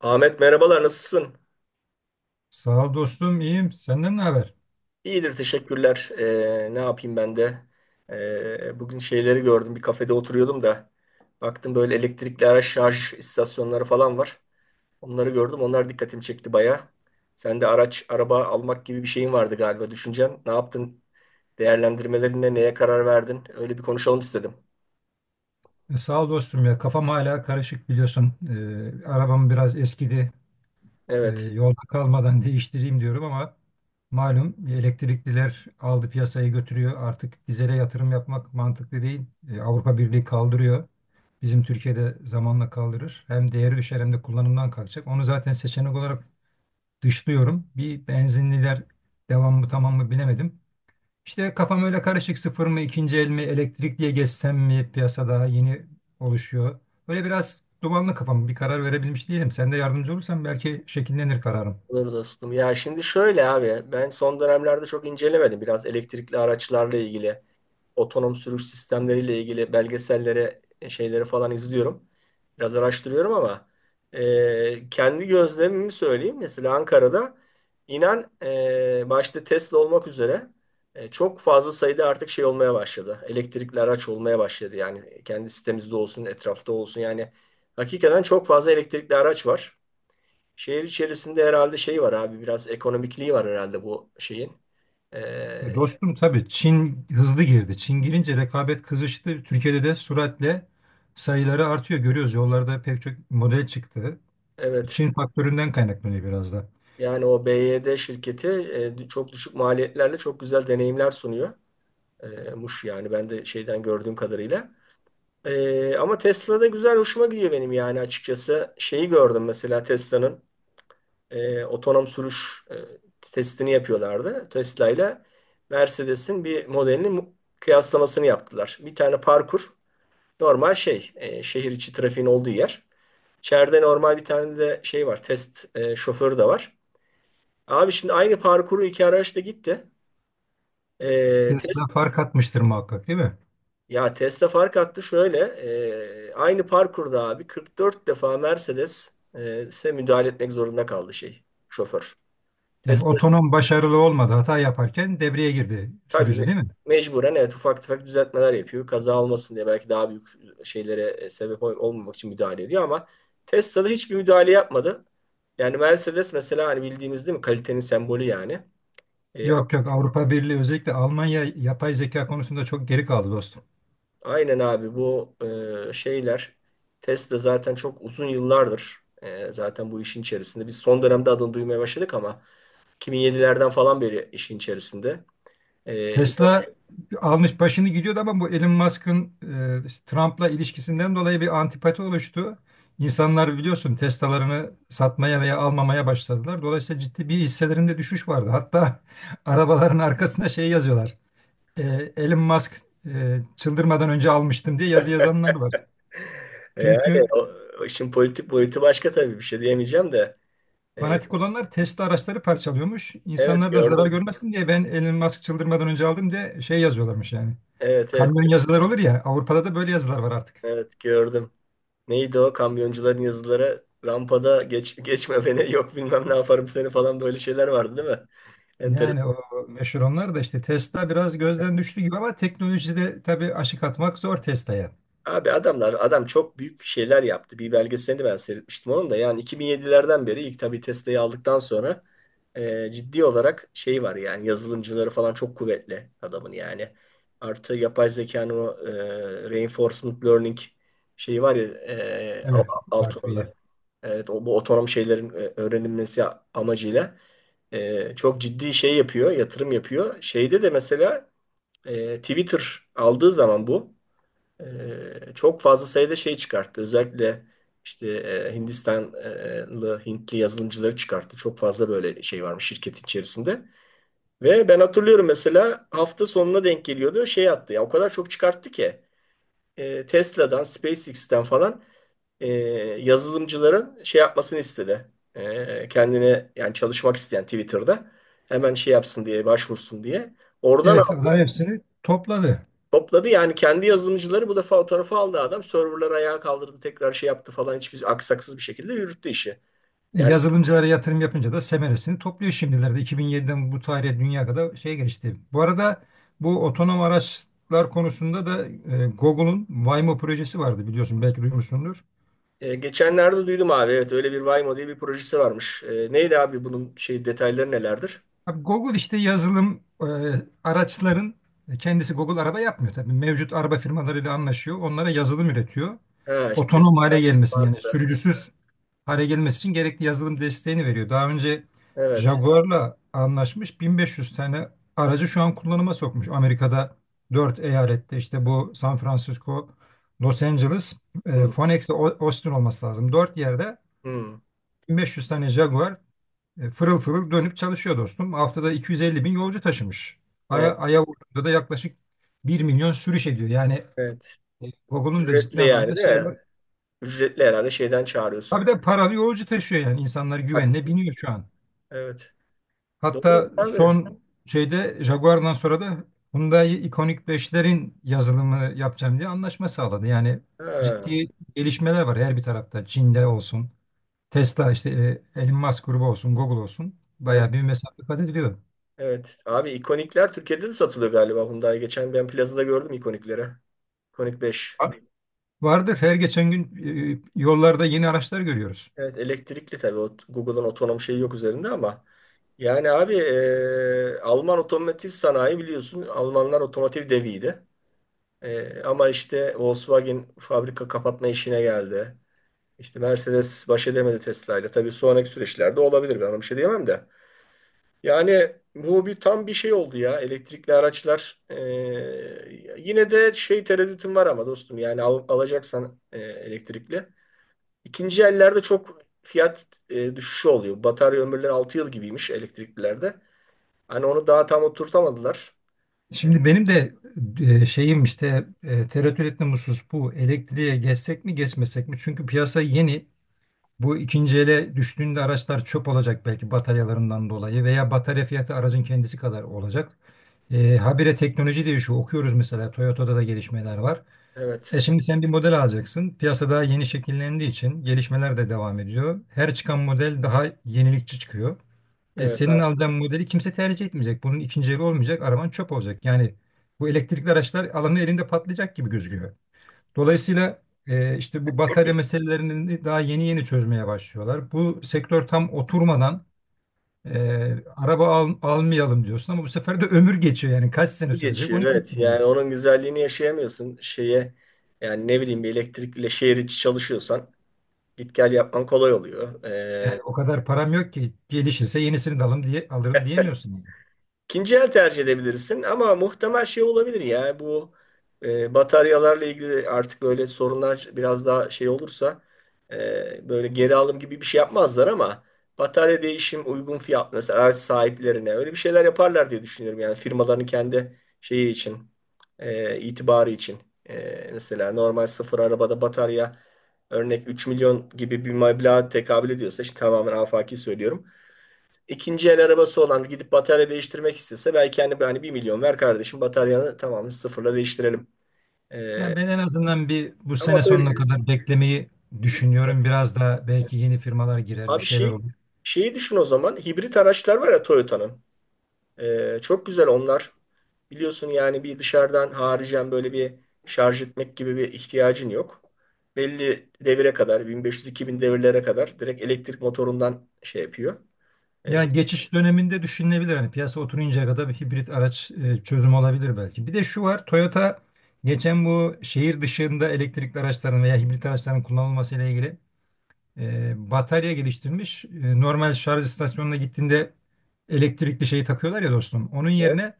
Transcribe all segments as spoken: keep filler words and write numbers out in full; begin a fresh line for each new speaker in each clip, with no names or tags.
Ahmet merhabalar nasılsın?
Sağ ol dostum, iyiyim. Senden ne haber?
İyidir teşekkürler. Ee, ne yapayım ben de? Ee, bugün şeyleri gördüm bir kafede oturuyordum da baktım böyle elektrikli araç şarj istasyonları falan var. Onları gördüm onlar dikkatimi çekti baya. Sen de araç araba almak gibi bir şeyin vardı galiba düşüncen. Ne yaptın? Değerlendirmelerinde neye karar verdin? Öyle bir konuşalım istedim.
E, sağ ol dostum ya. Kafam hala karışık biliyorsun. E, arabam biraz eskidi. E,
Evet.
yolda kalmadan değiştireyim diyorum ama malum elektrikliler aldı piyasayı götürüyor. Artık dizele yatırım yapmak mantıklı değil. E, Avrupa Birliği kaldırıyor. Bizim Türkiye'de zamanla kaldırır. Hem değeri düşer hem de kullanımdan kalkacak. Onu zaten seçenek olarak dışlıyorum. Bir benzinliler devam mı tamam mı bilemedim. İşte kafam öyle karışık, sıfır mı ikinci el mi elektrikliye geçsem mi, piyasada yeni oluşuyor. Böyle biraz dumanlı kafam, bir karar verebilmiş değilim. Sen de yardımcı olursan belki şekillenir kararım.
Olur dostum. Ya şimdi şöyle abi ben son dönemlerde çok incelemedim biraz elektrikli araçlarla ilgili. Otonom sürüş sistemleriyle ilgili belgesellere, e, şeyleri falan izliyorum. Biraz araştırıyorum ama e, kendi gözlemimi söyleyeyim. Mesela Ankara'da inan e, başta Tesla olmak üzere e, çok fazla sayıda artık şey olmaya başladı. Elektrikli araç olmaya başladı. Yani kendi sitemizde olsun, etrafta olsun. Yani hakikaten çok fazla elektrikli araç var. Şehir içerisinde herhalde şey var abi biraz ekonomikliği var herhalde bu şeyin. E,
Ya dostum, tabii Çin hızlı girdi. Çin girince rekabet kızıştı. Türkiye'de de süratle sayıları artıyor. Görüyoruz, yollarda pek çok model çıktı.
evet.
Çin faktöründen kaynaklanıyor biraz da.
Yani o B Y D şirketi e, çok düşük maliyetlerle çok güzel deneyimler sunuyor. E, Muş yani ben de şeyden gördüğüm kadarıyla. E, ama Tesla'da güzel hoşuma gidiyor benim yani açıkçası. Şeyi gördüm mesela Tesla'nın e, otonom sürüş e, testini yapıyorlardı. Tesla ile Mercedes'in bir modelini mu- kıyaslamasını yaptılar. Bir tane parkur normal şey e, şehir içi trafiğin olduğu yer. İçeride normal bir tane de şey var test e, şoförü de var. Abi şimdi aynı parkuru iki araçla gitti. Ee, test,
Tesla fark atmıştır muhakkak, değil mi?
Ya Tesla fark attı şöyle. Ee, aynı parkurda abi kırk dört defa Mercedes e, size müdahale etmek zorunda kaldı şey şoför.
Yani
Tesla
otonom başarılı olmadı. Hata yaparken devreye girdi
tabii
sürücü,
me-
değil mi?
mecburen evet ufak tefek düzeltmeler yapıyor. Kaza olmasın diye belki daha büyük şeylere e, sebep ol- olmamak için müdahale ediyor ama Tesla Tesla'da hiçbir müdahale yapmadı. Yani Mercedes mesela hani bildiğimiz değil mi kalitenin sembolü yani. E,
Yok yok, Avrupa Birliği, özellikle Almanya yapay zeka konusunda çok geri kaldı dostum.
Aynen abi bu e, şeyler Tesla zaten çok uzun yıllardır e, zaten bu işin içerisinde. Biz son dönemde adını duymaya başladık ama iki bin yedilerden falan beri işin içerisinde. E, Yok.
Tesla almış başını gidiyordu ama bu Elon Musk'ın e, işte Trump'la ilişkisinden dolayı bir antipati oluştu. İnsanlar biliyorsun Tesla'larını satmaya veya almamaya başladılar. Dolayısıyla ciddi bir hisselerinde düşüş vardı. Hatta arabaların arkasına şey yazıyorlar. E, Elon Musk e, çıldırmadan önce almıştım diye yazı yazanlar var.
E, yani
Çünkü
o, o işin politik boyutu başka tabii bir şey diyemeyeceğim de. E,
Fanatik olanlar Tesla araçları parçalıyormuş.
evet
İnsanlar da zarar
gördüm.
görmesin diye ben Elon Musk çıldırmadan önce aldım diye şey yazıyorlarmış yani.
Evet, evet,
Kamyon yazılar olur ya, Avrupa'da da böyle yazılar var artık.
evet gördüm. Neydi o kamyoncuların yazıları rampada geç, geçme beni yok bilmem ne yaparım seni falan böyle şeyler vardı değil mi?
Yani
Enteresan.
o meşhur onlar da, işte Tesla biraz gözden düştü gibi ama teknolojide tabii aşık atmak zor Tesla'ya.
Abi adamlar adam çok büyük şeyler yaptı. Bir belgeselini ben seyretmiştim onun da. Yani iki bin yedilerden beri ilk tabii Tesla'yı aldıktan sonra e, ciddi olarak şey var yani yazılımcıları falan çok kuvvetli adamın yani. Artı yapay zekanın o e, reinforcement learning şeyi var ya e, al-
Evet,
alt
takviye.
alanı. Evet, o, bu otonom şeylerin e, öğrenilmesi amacıyla e, çok ciddi şey yapıyor, yatırım yapıyor. Şeyde de mesela e, Twitter aldığı zaman bu. Ee, çok fazla sayıda şey çıkarttı. Özellikle işte e, Hindistanlı, Hintli yazılımcıları çıkarttı. Çok fazla böyle şey varmış şirketin içerisinde. Ve ben hatırlıyorum mesela hafta sonuna denk geliyordu. Şey attı ya o kadar çok çıkarttı ki e, Tesla'dan, SpaceX'ten falan e, yazılımcıların şey yapmasını istedi. E, kendine yani çalışmak isteyen Twitter'da hemen şey yapsın diye başvursun diye. Oradan
Evet, adam hepsini topladı.
topladı yani kendi yazılımcıları bu defa o tarafa aldı adam. Serverları ayağa kaldırdı tekrar şey yaptı falan hiçbir aksaksız bir şekilde yürüttü işi.
E,
Yani
Yazılımcılara yatırım yapınca da semeresini topluyor şimdilerde. iki bin yediden bu tarihe dünya kadar şey geçti. Bu arada bu otonom araçlar konusunda da e, Google'un Waymo projesi vardı, biliyorsun belki duymuşsundur.
e, geçenlerde duydum abi evet öyle bir Waymo diye bir projesi varmış. E, neydi abi bunun şey detayları nelerdir?
Abi Google işte yazılım e, araçların e, kendisi Google araba yapmıyor tabii. Mevcut araba firmalarıyla anlaşıyor. Onlara yazılım üretiyor.
Ha işte
Otonom
testler
hale gelmesini, yani
farklı.
sürücüsüz hale gelmesi için gerekli yazılım desteğini veriyor. Daha önce
Evet.
Jaguar'la anlaşmış, bin beş yüz tane aracı şu an kullanıma sokmuş. Amerika'da dört eyalette, işte bu San Francisco, Los Angeles, e,
Hı,
Phoenix ve O- Austin olması lazım. Dört yerde
hı.
bin beş yüz tane Jaguar e, fırıl fırıl dönüp çalışıyor dostum. Haftada iki yüz elli bin yolcu taşımış.
O,
Aya, aya vurduğunda da yaklaşık bir milyon sürüş ediyor. Yani
evet.
e, Google'un da ciddi
Ücretli yani
anlamda
değil
şey
mi?
var.
Ücretli herhalde şeyden
Tabii
çağırıyorsun.
de paralı yolcu taşıyor yani. İnsanlar
Aksız
güvenle biniyor şu
ücreti.
an.
Evet. Doğru
Hatta
abi.
son şeyde Jaguar'dan sonra da Hyundai ikonik beşlerin yazılımını yapacağım diye anlaşma sağladı. Yani
Ha,
ciddi gelişmeler var her bir tarafta. Çin'de olsun, Tesla işte e, Elon Musk grubu olsun, Google olsun. Bayağı bir mesafe kat ediliyor.
evet. Abi ikonikler Türkiye'de de satılıyor galiba Hyundai. Geçen ben plazada gördüm ikonikleri. İkonik beş.
Abi, vardır, her geçen gün e, yollarda yeni araçlar görüyoruz.
Evet elektrikli tabii. O, Google'ın otonom şeyi yok üzerinde ama. Yani abi e, Alman otomotiv sanayi biliyorsun. Almanlar otomotiv deviydi. E, ama işte Volkswagen fabrika kapatma işine geldi. İşte Mercedes baş edemedi Tesla ile. Tabii sonraki süreçlerde olabilir. Ben ona bir şey diyemem de. Yani bu bir tam bir şey oldu ya elektrikli araçlar. Ee, yine de şey tereddütüm var ama dostum yani al- alacaksan e, elektrikli. İkinci ellerde çok fiyat e, düşüşü oluyor. Batarya ömürleri altı yıl gibiymiş elektriklilerde. Hani onu daha tam oturtamadılar.
Şimdi benim de e, şeyim işte e, tereddüt ettiğim husus bu. Elektriğe geçsek mi geçmesek mi? Çünkü piyasa yeni. Bu ikinci ele düştüğünde araçlar çöp olacak belki, bataryalarından dolayı, veya batarya fiyatı aracın kendisi kadar olacak. E, habire teknoloji değişiyor. Okuyoruz, mesela Toyota'da da gelişmeler var. E
Evet.
şimdi sen bir model alacaksın. Piyasa daha yeni şekillendiği için gelişmeler de devam ediyor. Her çıkan model daha yenilikçi çıkıyor. E,
Evet.
senin
Ha,
alacağın modeli kimse tercih etmeyecek. Bunun ikinci eli olmayacak. Araban çöp olacak. Yani bu elektrikli araçlar alanın elinde patlayacak gibi gözüküyor. Dolayısıyla e, işte bu batarya meselelerini daha yeni yeni çözmeye başlıyorlar. Bu sektör tam oturmadan e, araba al- almayalım diyorsun ama bu sefer de ömür geçiyor. Yani kaç sene sürecek
geçiyor
onu kim
evet. Yani
bilir.
onun güzelliğini yaşayamıyorsun. Şeye yani ne bileyim bir elektrikle şehir içi çalışıyorsan git gel yapman kolay oluyor. E,
Yani o kadar param yok ki, gelişirse yenisini de alım diye, alırım diyemiyorsun. Yani.
İkinci el tercih edebilirsin ama muhtemel şey olabilir ya bu e, bataryalarla ilgili artık böyle sorunlar biraz daha şey olursa e, böyle geri alım gibi bir şey yapmazlar ama batarya değişim uygun fiyat mesela araç sahiplerine öyle bir şeyler yaparlar diye düşünüyorum yani firmaların kendi şeyi için e, itibarı için. E, mesela normal sıfır arabada batarya örnek üç milyon gibi bir meblağa tekabül ediyorsa işte tamamen afaki söylüyorum. İkinci el arabası olan gidip batarya değiştirmek istese belki hani, hani bir milyon ver kardeşim bataryanı tamamen sıfırla değiştirelim. Ee,
Yani ben en azından bir bu sene
Ama
sonuna
böyle
kadar beklemeyi
biz
düşünüyorum. Biraz da belki yeni firmalar girer, bir
abi
şeyler
şey
olur.
şeyi düşün o zaman hibrit araçlar var ya Toyota'nın. Ee, çok güzel onlar. Biliyorsun yani bir dışarıdan haricen böyle bir şarj etmek gibi bir ihtiyacın yok. Belli devire kadar bin beş yüz-iki bin devirlere kadar direkt elektrik motorundan şey yapıyor. Ee, hız-
Yani geçiş döneminde düşünülebilir. Hani piyasa oturuncaya kadar bir hibrit araç e, çözüm olabilir belki. Bir de şu var. Toyota geçen bu şehir dışında elektrikli araçların veya hibrit araçların kullanılması ile ilgili e, batarya geliştirmiş. E, normal şarj istasyonuna gittiğinde elektrikli şeyi takıyorlar ya dostum. Onun
evet,
yerine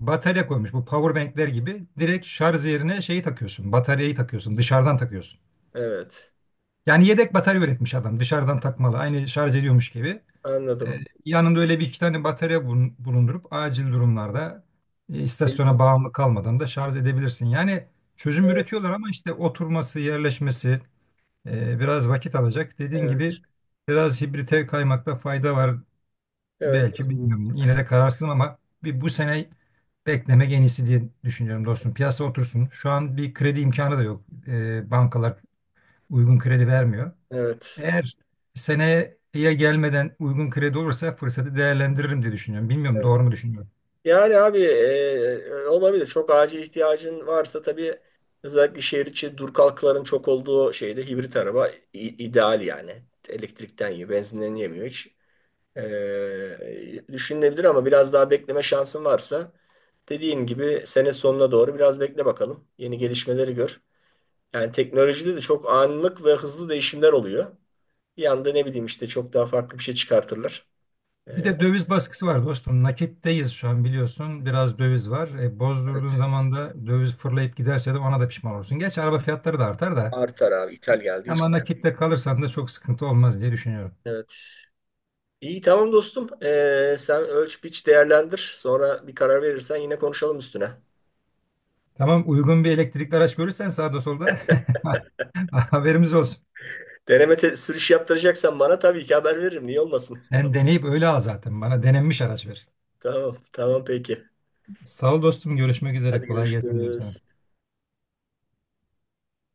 batarya koymuş. Bu power bankler gibi direkt şarj yerine şeyi takıyorsun. Bataryayı takıyorsun. Dışarıdan takıyorsun.
evet.
Yani yedek batarya üretmiş adam. Dışarıdan takmalı. Aynı şarj ediyormuş gibi. E,
Anladım.
Yanında öyle bir iki tane batarya bulun- bulundurup acil durumlarda e,
Evet,
istasyona bağımlı kalmadan da şarj edebilirsin. Yani çözüm üretiyorlar ama işte oturması, yerleşmesi e, biraz vakit alacak. Dediğin gibi
evet,
biraz hibrite kaymakta fayda var
evet,
belki, bilmiyorum. Yine de kararsızım ama bir bu sene beklemek en iyisi diye düşünüyorum dostum. Piyasa otursun. Şu an bir kredi imkanı da yok. E, bankalar uygun kredi vermiyor.
evet.
Eğer seneye gelmeden uygun kredi olursa fırsatı değerlendiririm diye düşünüyorum. Bilmiyorum,
Evet.
doğru mu düşünüyorum.
Yani abi e, olabilir. Çok acil ihtiyacın varsa tabii özellikle şehir içi dur kalkların çok olduğu şeyde hibrit araba i- ideal yani. Elektrikten yiyor, benzinden yemiyor hiç. E, düşünülebilir ama biraz daha bekleme şansın varsa dediğim gibi sene sonuna doğru biraz bekle bakalım. Yeni gelişmeleri gör. Yani teknolojide de çok anlık ve hızlı değişimler oluyor. Bir anda ne bileyim işte çok daha farklı bir şey çıkartırlar. E,
Bir de döviz baskısı var dostum. Nakitteyiz şu an biliyorsun. Biraz döviz var. E, bozdurduğun
evet.
zaman da döviz fırlayıp giderse de ona da pişman olursun. Gerçi araba fiyatları da artar da.
Artar abi ithal geldiği için.
Ama nakitte kalırsan da çok sıkıntı olmaz diye düşünüyorum.
Evet. İyi tamam dostum. Ee, sen ölç biç değerlendir. Sonra bir karar verirsen yine konuşalım üstüne.
Tamam, uygun bir elektrikli araç görürsen sağda solda haberimiz olsun.
Deneme te- sürüş yaptıracaksan bana tabii ki haber veririm. Niye olmasın?
Sen deneyip öyle al zaten. Bana denenmiş araç ver.
Tamam, tamam peki.
Sağ ol dostum. Görüşmek üzere.
Hadi
Kolay gelsin diyorum sana.
görüşürüz.